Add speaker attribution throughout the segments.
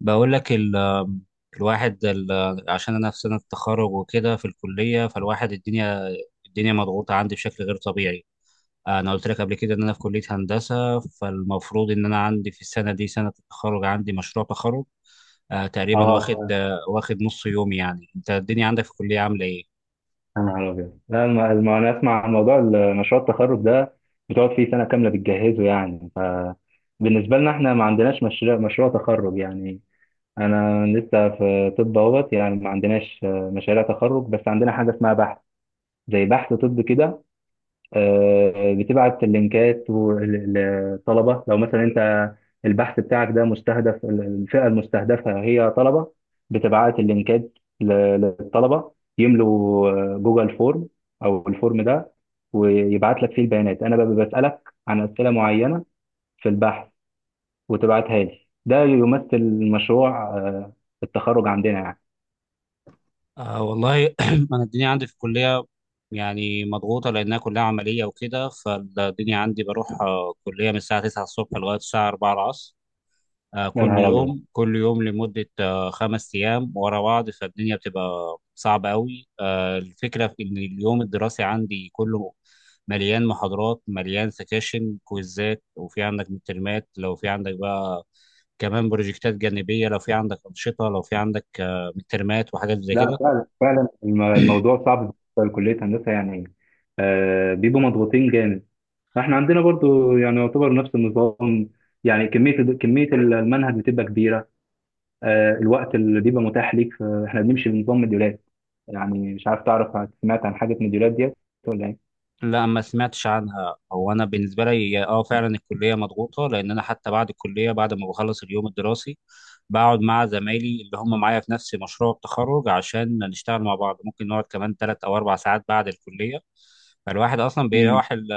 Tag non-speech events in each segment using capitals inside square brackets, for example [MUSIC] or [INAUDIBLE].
Speaker 1: بقول لك ال الواحد ال عشان انا في سنه التخرج وكده في الكليه، فالواحد الدنيا مضغوطه عندي بشكل غير طبيعي. انا قلت لك قبل كده ان انا في كليه هندسه، فالمفروض ان انا عندي في السنه دي سنه التخرج، عندي مشروع تخرج. تقريبا
Speaker 2: اه
Speaker 1: واخد
Speaker 2: فعلا.
Speaker 1: آه واخد نص يوم. يعني انت الدنيا عندك في الكليه عامله ايه؟
Speaker 2: يا نهار ابيض، لا انا اسمع عن موضوع مشروع التخرج ده، بتقعد فيه سنه كامله بتجهزه يعني. فبالنسبه لنا احنا ما عندناش مشروع تخرج يعني، انا لسه في طب اهوت. يعني ما عندناش مشاريع تخرج، بس عندنا حاجه اسمها بحث، زي بحث طب كده. بتبعت اللينكات للطلبة، لو مثلا انت البحث بتاعك ده مستهدف، الفئة المستهدفة هي طلبة، بتبعت اللينكات ل- للطلبة يملوا جوجل فورم او الفورم ده، ويبعت لك فيه البيانات. انا ببقى بسألك عن أسئلة معينة في البحث وتبعتها لي. ده يمثل مشروع التخرج عندنا يعني.
Speaker 1: آه والله. [CLEARS THROAT] انا الدنيا عندي في الكليه يعني مضغوطه لانها كلها عمليه وكده، فالدنيا عندي بروح كليه من الساعه 9 الصبح لغايه الساعه 4 العصر.
Speaker 2: يا
Speaker 1: كل
Speaker 2: نهار ابيض،
Speaker 1: يوم كل يوم لمدة 5 أيام ورا بعض. فالدنيا بتبقى صعبة أوي. الفكرة في إن اليوم الدراسي عندي كله مليان محاضرات، مليان سكاشن، كويزات، وفي عندك مترمات، لو في عندك بقى كمان بروجكتات جانبية، لو في عندك أنشطة، لو في عندك مترمات وحاجات زي
Speaker 2: لا
Speaker 1: كده.
Speaker 2: فعلا فعلا الموضوع صعب بالنسبه لكليه هندسه يعني، آه بيبقوا مضغوطين جامد. احنا عندنا برضو يعني يعتبر نفس النظام، يعني كميه المنهج بتبقى كبيره. آه الوقت اللي بيبقى متاح ليك، احنا بنمشي بنظام مديولات. يعني مش عارف، تعرف، سمعت عن حاجه مديولات ديت ولا ايه؟
Speaker 1: لا ما سمعتش عنها. هو انا بالنسبه لي اه فعلا الكليه مضغوطه، لان انا حتى بعد الكليه بعد ما بخلص اليوم الدراسي بقعد مع زمايلي اللي هم معايا في نفس مشروع التخرج عشان نشتغل مع بعض. ممكن نقعد كمان 3 او 4 ساعات بعد الكليه. فالواحد اصلا
Speaker 2: امم،
Speaker 1: بيروح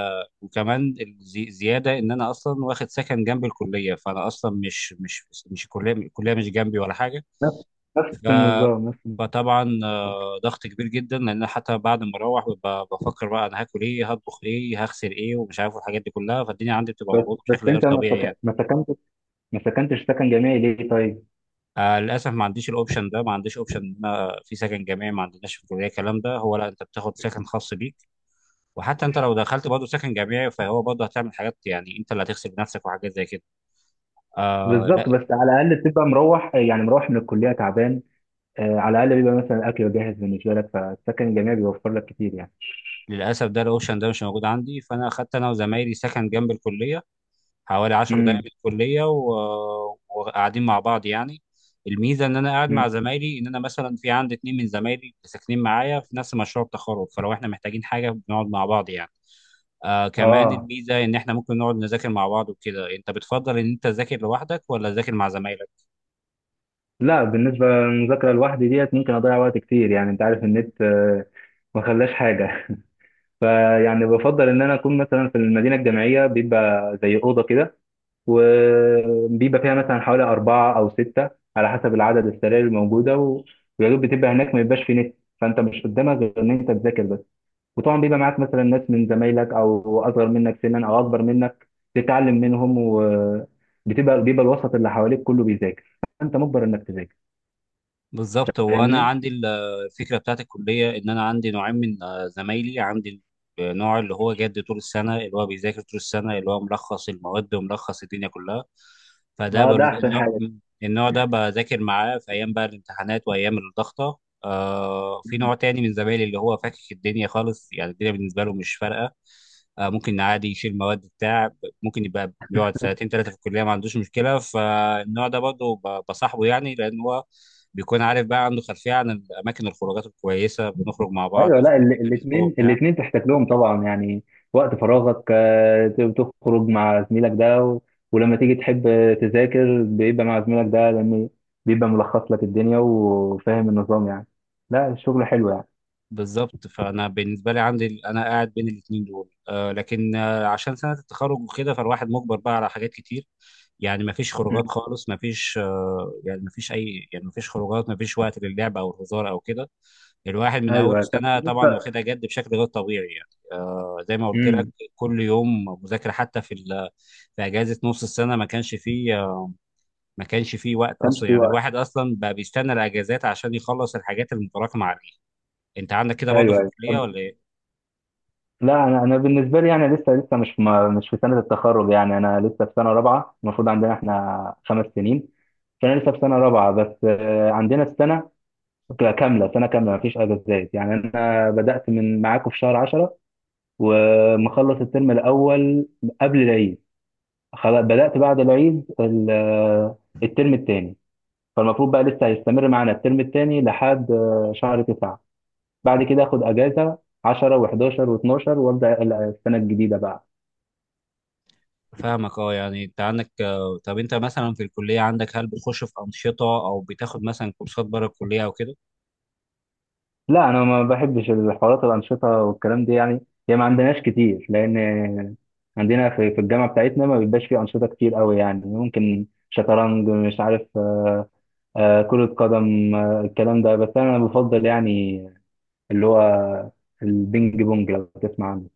Speaker 1: وكمان زياده ان انا اصلا واخد سكن جنب الكليه. فانا اصلا مش، الكليه مش جنبي ولا
Speaker 2: نفس نفس
Speaker 1: حاجه.
Speaker 2: النظام نفس النظام.
Speaker 1: فطبعا ضغط كبير جدا، لان أنا حتى بعد ما اروح ببقى بفكر بقى انا هاكل ايه، هطبخ ايه، هغسل ايه، ومش عارف الحاجات دي كلها. فالدنيا عندي بتبقى
Speaker 2: بس
Speaker 1: مضغوطه
Speaker 2: بس
Speaker 1: بشكل غير
Speaker 2: انت
Speaker 1: طبيعي يعني.
Speaker 2: ما سكنتش، ما سكنتش سكن جامعي ليه طيب؟
Speaker 1: للاسف ما عنديش الاوبشن ده، ما عنديش اوبشن ان أنا في سكن جامعي. ما عندناش في الكليه الكلام ده. هو لا، انت بتاخد سكن خاص بيك، وحتى انت لو دخلت برضه سكن جامعي فهو برضه هتعمل حاجات يعني انت اللي هتغسل بنفسك وحاجات زي كده.
Speaker 2: بالظبط،
Speaker 1: لا،
Speaker 2: بس على الاقل تبقى مروح، يعني مروح من الكليه تعبان، على الاقل بيبقى مثلا اكل جاهز بالنسبه لك، فالسكن الجامعي بيوفر لك كتير يعني.
Speaker 1: للاسف ده الاوبشن ده مش موجود عندي. فانا اخدت انا وزمايلي سكن جنب الكليه حوالي 10 دقايق
Speaker 2: امم.
Speaker 1: من الكلية، وقاعدين مع بعض يعني. الميزة إن أنا قاعد
Speaker 2: أمم.
Speaker 1: مع زمايلي إن أنا مثلا في عندي اتنين من زمايلي ساكنين معايا في نفس مشروع التخرج، فلو إحنا محتاجين حاجة بنقعد مع بعض يعني. كمان
Speaker 2: اه،
Speaker 1: الميزة إن إحنا ممكن نقعد نذاكر مع بعض وكده. أنت بتفضل إن أنت تذاكر لوحدك ولا تذاكر مع زمايلك؟
Speaker 2: لا بالنسبه للمذاكره لوحدي ديت، ممكن اضيع وقت كتير. يعني انت عارف النت ما خلاش حاجه. [LAUGHS] فيعني بفضل ان انا اكون مثلا في المدينه الجامعيه، بيبقى زي اوضه كده وبيبقى فيها مثلا حوالي اربعه او سته، على حسب العدد، السراير الموجوده ويا دوب بتبقى هناك، ما بيبقاش في نت، فانت مش قدامك غير ان انت تذاكر بس. وطبعا بيبقى معاك مثلا ناس من زمايلك او اصغر منك سنا او اكبر منك، تتعلم منهم. وبتبقى بيبقى الوسط اللي حواليك كله بيذاكر، فانت مجبر انك تذاكر.
Speaker 1: بالظبط. هو انا
Speaker 2: فاهمني،
Speaker 1: عندي الفكره بتاعت الكليه ان انا عندي نوعين من زمايلي. عندي النوع اللي هو جاد طول السنه، اللي هو بيذاكر طول السنه، اللي هو ملخص المواد وملخص الدنيا كلها. فده
Speaker 2: اه، ده احسن
Speaker 1: النوع.
Speaker 2: حاجه.
Speaker 1: النوع ده بذاكر معاه في ايام بقى الامتحانات وايام الضغطه. في نوع تاني من زمايلي اللي هو فاكك الدنيا خالص، يعني الدنيا بالنسبه له مش فارقه. ممكن عادي يشيل مواد بتاع، ممكن يبقى بيقعد سنتين ثلاثه في الكليه ما عندوش مشكله. فالنوع ده برضه بصاحبه يعني، لان هو بيكون عارف بقى، عنده خلفية عن الأماكن، الخروجات الكويسة، بنخرج مع بعض
Speaker 2: ايوه، لا
Speaker 1: في الأسبوع
Speaker 2: الاثنين
Speaker 1: وبتاع.
Speaker 2: الاثنين تحتاج لهم طبعا يعني. وقت فراغك تخرج مع زميلك ده ولما تيجي تحب تذاكر، بيبقى مع زميلك ده، لان بيبقى ملخص لك الدنيا وفاهم النظام يعني. لا الشغل حلو يعني.
Speaker 1: بالظبط. فأنا بالنسبة لي عندي أنا قاعد بين الاتنين دول لكن عشان سنة التخرج وكده فالواحد مجبر بقى على حاجات كتير. يعني مفيش خروجات
Speaker 2: مم.
Speaker 1: خالص، مفيش يعني مفيش أي، يعني مفيش خروجات، مفيش وقت للعب أو الهزار أو كده. الواحد من أول
Speaker 2: ايوه، طب
Speaker 1: سنة طبعا
Speaker 2: بالنسبه،
Speaker 1: واخدها جد بشكل غير طبيعي يعني. زي ما قلت لك،
Speaker 2: امم،
Speaker 1: كل يوم مذاكرة. حتى في أجازة نص السنة ما كانش فيه وقت اصلا يعني. الواحد اصلا بقى بيستنى الاجازات عشان يخلص الحاجات المتراكمه عليه. انت عندك كده برضه
Speaker 2: ايوه
Speaker 1: في
Speaker 2: ايوه،
Speaker 1: الكليه ولا ايه؟
Speaker 2: لا انا بالنسبه لي يعني لسه مش في سنه التخرج، يعني انا لسه في سنه رابعه، المفروض عندنا احنا خمس سنين. فانا لسه في سنه رابعه، بس عندنا السنه كامله، سنه كامله مفيش اجازات. يعني انا بدات من معاكم في شهر 10، ومخلص الترم الاول قبل العيد. خلاص بدات بعد العيد الترم الثاني، فالمفروض بقى لسه هيستمر معانا الترم الثاني لحد شهر 9، بعد كده اخد اجازه 10 و11 و12 وابدا السنه الجديده بقى.
Speaker 1: فاهمك. اه يعني انت عندك طب انت مثلا في الكليه عندك هل بتخش في انشطه او بتاخد مثلا كورسات بره الكليه او كده؟
Speaker 2: لا انا ما بحبش الحوارات الانشطه والكلام دي يعني. هي ما عندناش كتير، لان عندنا في الجامعه بتاعتنا ما بيبقاش فيه انشطه كتير قوي. يعني ممكن شطرنج، مش عارف، كرة قدم، الكلام ده. بس انا بفضل يعني، اللي هو البينج بونج لو تسمع عنه.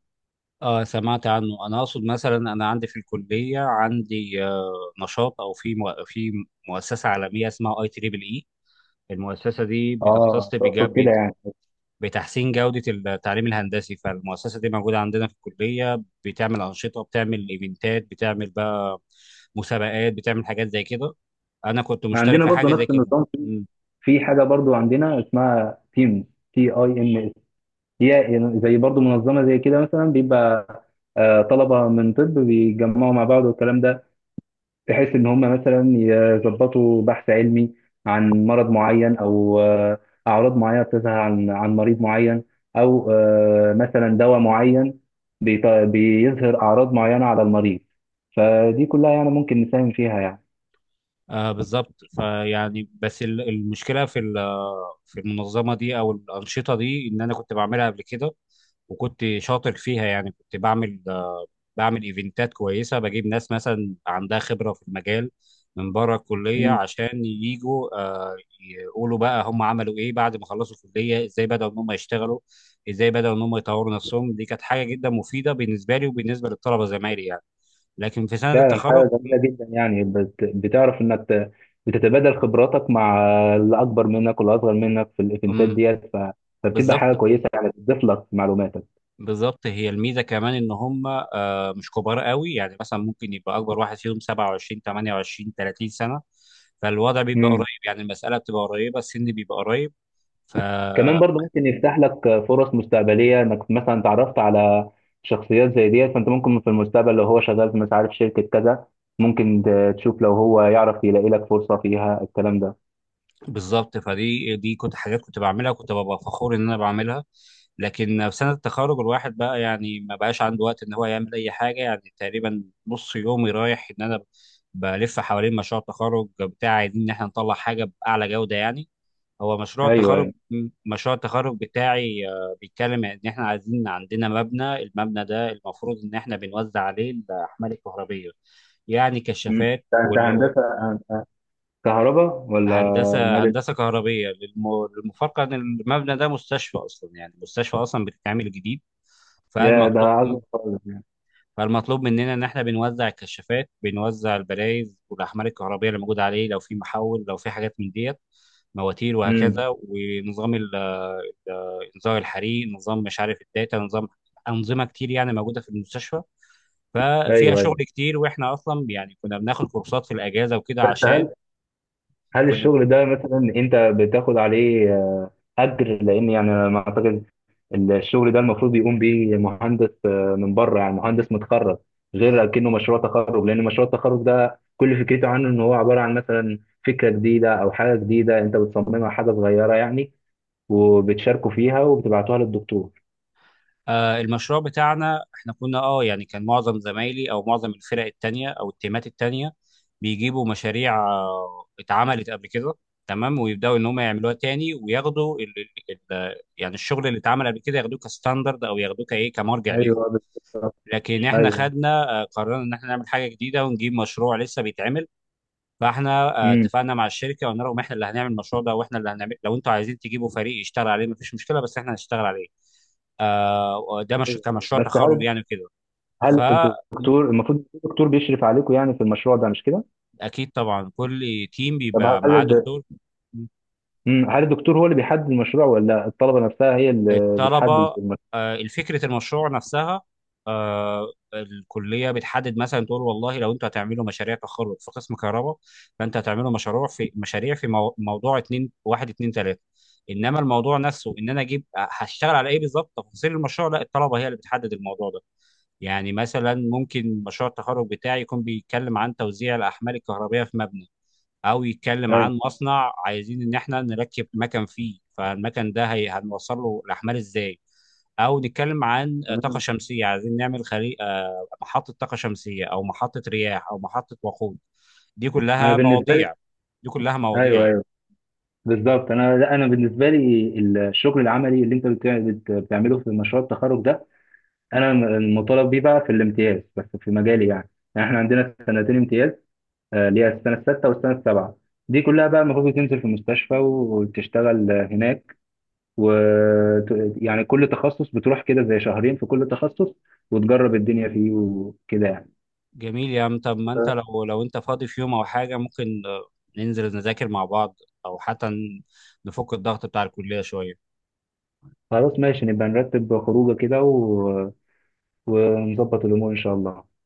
Speaker 1: اه سمعت عنه. انا اقصد مثلا انا عندي في الكليه عندي نشاط، او في في مؤسسه عالميه اسمها اي تريبل اي. المؤسسه دي
Speaker 2: اه
Speaker 1: بتختص
Speaker 2: تقصد كده يعني،
Speaker 1: بتحسين جودة التعليم الهندسي. فالمؤسسة دي موجودة عندنا في الكلية، بتعمل أنشطة، بتعمل إيفنتات، بتعمل بقى مسابقات، بتعمل حاجات زي كده. أنا كنت مشترك
Speaker 2: عندنا
Speaker 1: في
Speaker 2: برضو
Speaker 1: حاجة زي
Speaker 2: نفس
Speaker 1: كده.
Speaker 2: النظام في حاجه برضو عندنا اسمها تيم، تي اي ام. هي زي برضو منظمة زي كده، مثلا بيبقى طلبة من طب بيتجمعوا مع بعض والكلام ده، بحيث إن هم مثلا يظبطوا بحث علمي عن مرض معين أو أعراض معينة بتظهر عن مريض معين، أو مثلا دواء معين بيظهر أعراض معينة على المريض. فدي كلها يعني ممكن نساهم فيها
Speaker 1: بالظبط. فيعني بس المشكله في المنظمه دي او الانشطه دي، ان انا كنت بعملها قبل كده وكنت شاطر فيها. يعني كنت بعمل ايفنتات كويسه، بجيب ناس مثلا عندها خبره في المجال من بره الكليه
Speaker 2: يعني.
Speaker 1: عشان يجوا يقولوا بقى هم عملوا ايه بعد ما خلصوا الكليه، ازاي بداوا ان هم يشتغلوا، ازاي بداوا ان هم يطوروا نفسهم. دي كانت حاجه جدا مفيده بالنسبه لي وبالنسبه للطلبه زمايلي يعني. لكن في سنه
Speaker 2: فعلا حاجة
Speaker 1: التخرج
Speaker 2: جميلة جدا يعني، بتعرف انك بتتبادل خبراتك مع اللي اكبر منك واللي اصغر منك في الايفنتات
Speaker 1: م-
Speaker 2: ديت، فبتبقى حاجة
Speaker 1: بالظبط.
Speaker 2: كويسة يعني، بتضيف لك معلوماتك.
Speaker 1: بالظبط هي الميزه كمان ان هم مش كبار قوي. يعني مثلا ممكن يبقى اكبر واحد فيهم 27 28 30 سنه. فالوضع بيبقى قريب
Speaker 2: امم،
Speaker 1: يعني، المساله بتبقى قريبه، السن بيبقى قريب.
Speaker 2: كمان برضه
Speaker 1: فبيبقى
Speaker 2: ممكن يفتح لك فرص مستقبلية، انك مثلا تعرفت على شخصيات زي ديت، فانت ممكن في المستقبل لو هو شغال في مش عارف شركة كذا، ممكن تشوف لو هو يعرف يلاقي لك فرصة فيها، الكلام ده.
Speaker 1: بالظبط. فدي كنت حاجات كنت بعملها، كنت ببقى فخور ان انا بعملها. لكن في سنه التخرج الواحد بقى يعني ما بقاش عنده وقت ان هو يعمل اي حاجه. يعني تقريبا نص يومي رايح ان انا بلف حوالين مشروع التخرج بتاعي، عايزين ان احنا نطلع حاجه باعلى جوده يعني. هو مشروع
Speaker 2: ايوه
Speaker 1: التخرج
Speaker 2: ايوه.
Speaker 1: مشروع التخرج بتاعي بيتكلم ان احنا عايزين عندنا مبنى. المبنى ده المفروض ان احنا بنوزع عليه الاحمال الكهربيه، يعني
Speaker 2: مم.
Speaker 1: كشافات.
Speaker 2: ده هندسة كهرباء ولا
Speaker 1: هندسه
Speaker 2: مدني؟
Speaker 1: هندسه كهربيه. للمفارقه ان المبنى ده مستشفى اصلا، يعني مستشفى اصلا بتتعمل جديد.
Speaker 2: يا ده
Speaker 1: فالمطلوب
Speaker 2: عظمة خالص يعني.
Speaker 1: فالمطلوب مننا ان احنا بنوزع الكشافات، بنوزع البلايز والاحمال الكهربائيه اللي موجوده عليه، لو في محول، لو في حاجات من ديت، مواتير
Speaker 2: مم.
Speaker 1: وهكذا. ونظام انذار الحريق، نظام مش عارف الداتا، نظام، انظمه كتير يعني موجوده في المستشفى. ففيها
Speaker 2: ايوه
Speaker 1: شغل
Speaker 2: ايوه،
Speaker 1: كتير، واحنا اصلا يعني كنا بناخد كورسات في الاجازه وكده
Speaker 2: بس
Speaker 1: عشان
Speaker 2: هل هل
Speaker 1: كنا.
Speaker 2: الشغل ده مثلا انت بتاخد عليه اجر؟ لان يعني انا ما اعتقد، الشغل ده المفروض بيقوم بيه مهندس من بره، يعني مهندس متخرج، غير اكنه مشروع تخرج. لان مشروع التخرج ده كل فكرته عنه ان هو عباره عن مثلا فكره جديده او حاجه جديده انت بتصممها، حاجه صغيره يعني، وبتشاركوا فيها وبتبعتوها للدكتور.
Speaker 1: المشروع بتاعنا احنا كنا، اه يعني كان معظم زمايلي او معظم الفرق التانية او التيمات التانية بيجيبوا مشاريع اتعملت قبل كده تمام، ويبداوا ان هم يعملوها تاني وياخدوا ال ال ال يعني الشغل اللي اتعمل قبل كده ياخدوه كستاندرد او ياخدوه كايه، كمرجع
Speaker 2: ايوه
Speaker 1: ليهم.
Speaker 2: بالظبط.
Speaker 1: لكن احنا
Speaker 2: ايوه.
Speaker 1: خدنا قررنا ان احنا نعمل حاجة جديدة ونجيب مشروع لسه بيتعمل. فاحنا
Speaker 2: امم،
Speaker 1: اتفقنا مع الشركه وقلنا لهم احنا اللي هنعمل المشروع ده، واحنا اللي هنعمل. لو انتوا عايزين تجيبوا فريق يشتغل عليه مفيش مشكله، بس احنا هنشتغل عليه ده مش كمشروع
Speaker 2: بس
Speaker 1: تخرج
Speaker 2: هل
Speaker 1: يعني كده.
Speaker 2: هل
Speaker 1: فأكيد.
Speaker 2: الدكتور، المفروض الدكتور بيشرف عليكم يعني في المشروع ده مش كده؟
Speaker 1: طبعا كل تيم
Speaker 2: طب
Speaker 1: بيبقى معاه
Speaker 2: هل،
Speaker 1: دكتور.
Speaker 2: مم، هل الدكتور هو اللي بيحدد المشروع ولا الطلبه نفسها هي اللي
Speaker 1: الطلبة
Speaker 2: بتحدد المشروع؟
Speaker 1: الفكرة، المشروع نفسها الكلية بتحدد، مثلا تقول والله لو انتوا هتعملوا مشاريع تخرج في قسم كهرباء، فانت هتعملوا مشروع في مشاريع في موضوع اتنين واحد اتنين تلاتة. انما الموضوع نفسه ان انا اجيب هشتغل على ايه بالظبط، تفاصيل المشروع، لا الطلبة هي اللي بتحدد الموضوع ده. يعني مثلا ممكن مشروع التخرج بتاعي يكون بيتكلم عن توزيع الأحمال الكهربية في مبنى، أو يتكلم
Speaker 2: ايوه
Speaker 1: عن مصنع عايزين إن إحنا نركب مكن فيه، فالمكن ده هنوصل له الأحمال إزاي، أو نتكلم عن طاقة
Speaker 2: تمام.
Speaker 1: شمسية، عايزين نعمل خلي... آه، محطة طاقة شمسية أو محطة رياح أو محطة وقود. دي
Speaker 2: انا
Speaker 1: كلها
Speaker 2: بالنسبه لي،
Speaker 1: مواضيع. دي كلها مواضيع
Speaker 2: ايوه
Speaker 1: يعني.
Speaker 2: ايوه بالظبط، انا لا انا بالنسبه لي الشغل العملي اللي انت بتعمله في مشروع التخرج ده، انا المطالب بيه بقى في الامتياز بس في مجالي يعني. يعني احنا عندنا سنتين امتياز، اللي هي السنه السادسه والسنه السابعه، دي كلها بقى المفروض تنزل في المستشفى وتشتغل هناك. و يعني كل تخصص بتروح كده زي شهرين في كل تخصص، وتجرب الدنيا فيه وكده يعني.
Speaker 1: جميل يا عم. طب ما انت لو انت فاضي في يوم او حاجة ممكن ننزل نذاكر مع بعض، او حتى نفك الضغط بتاع الكلية شوية.
Speaker 2: خلاص ماشي، نبقى نرتب خروجه كده، و... ونظبط الامور ان شاء الله.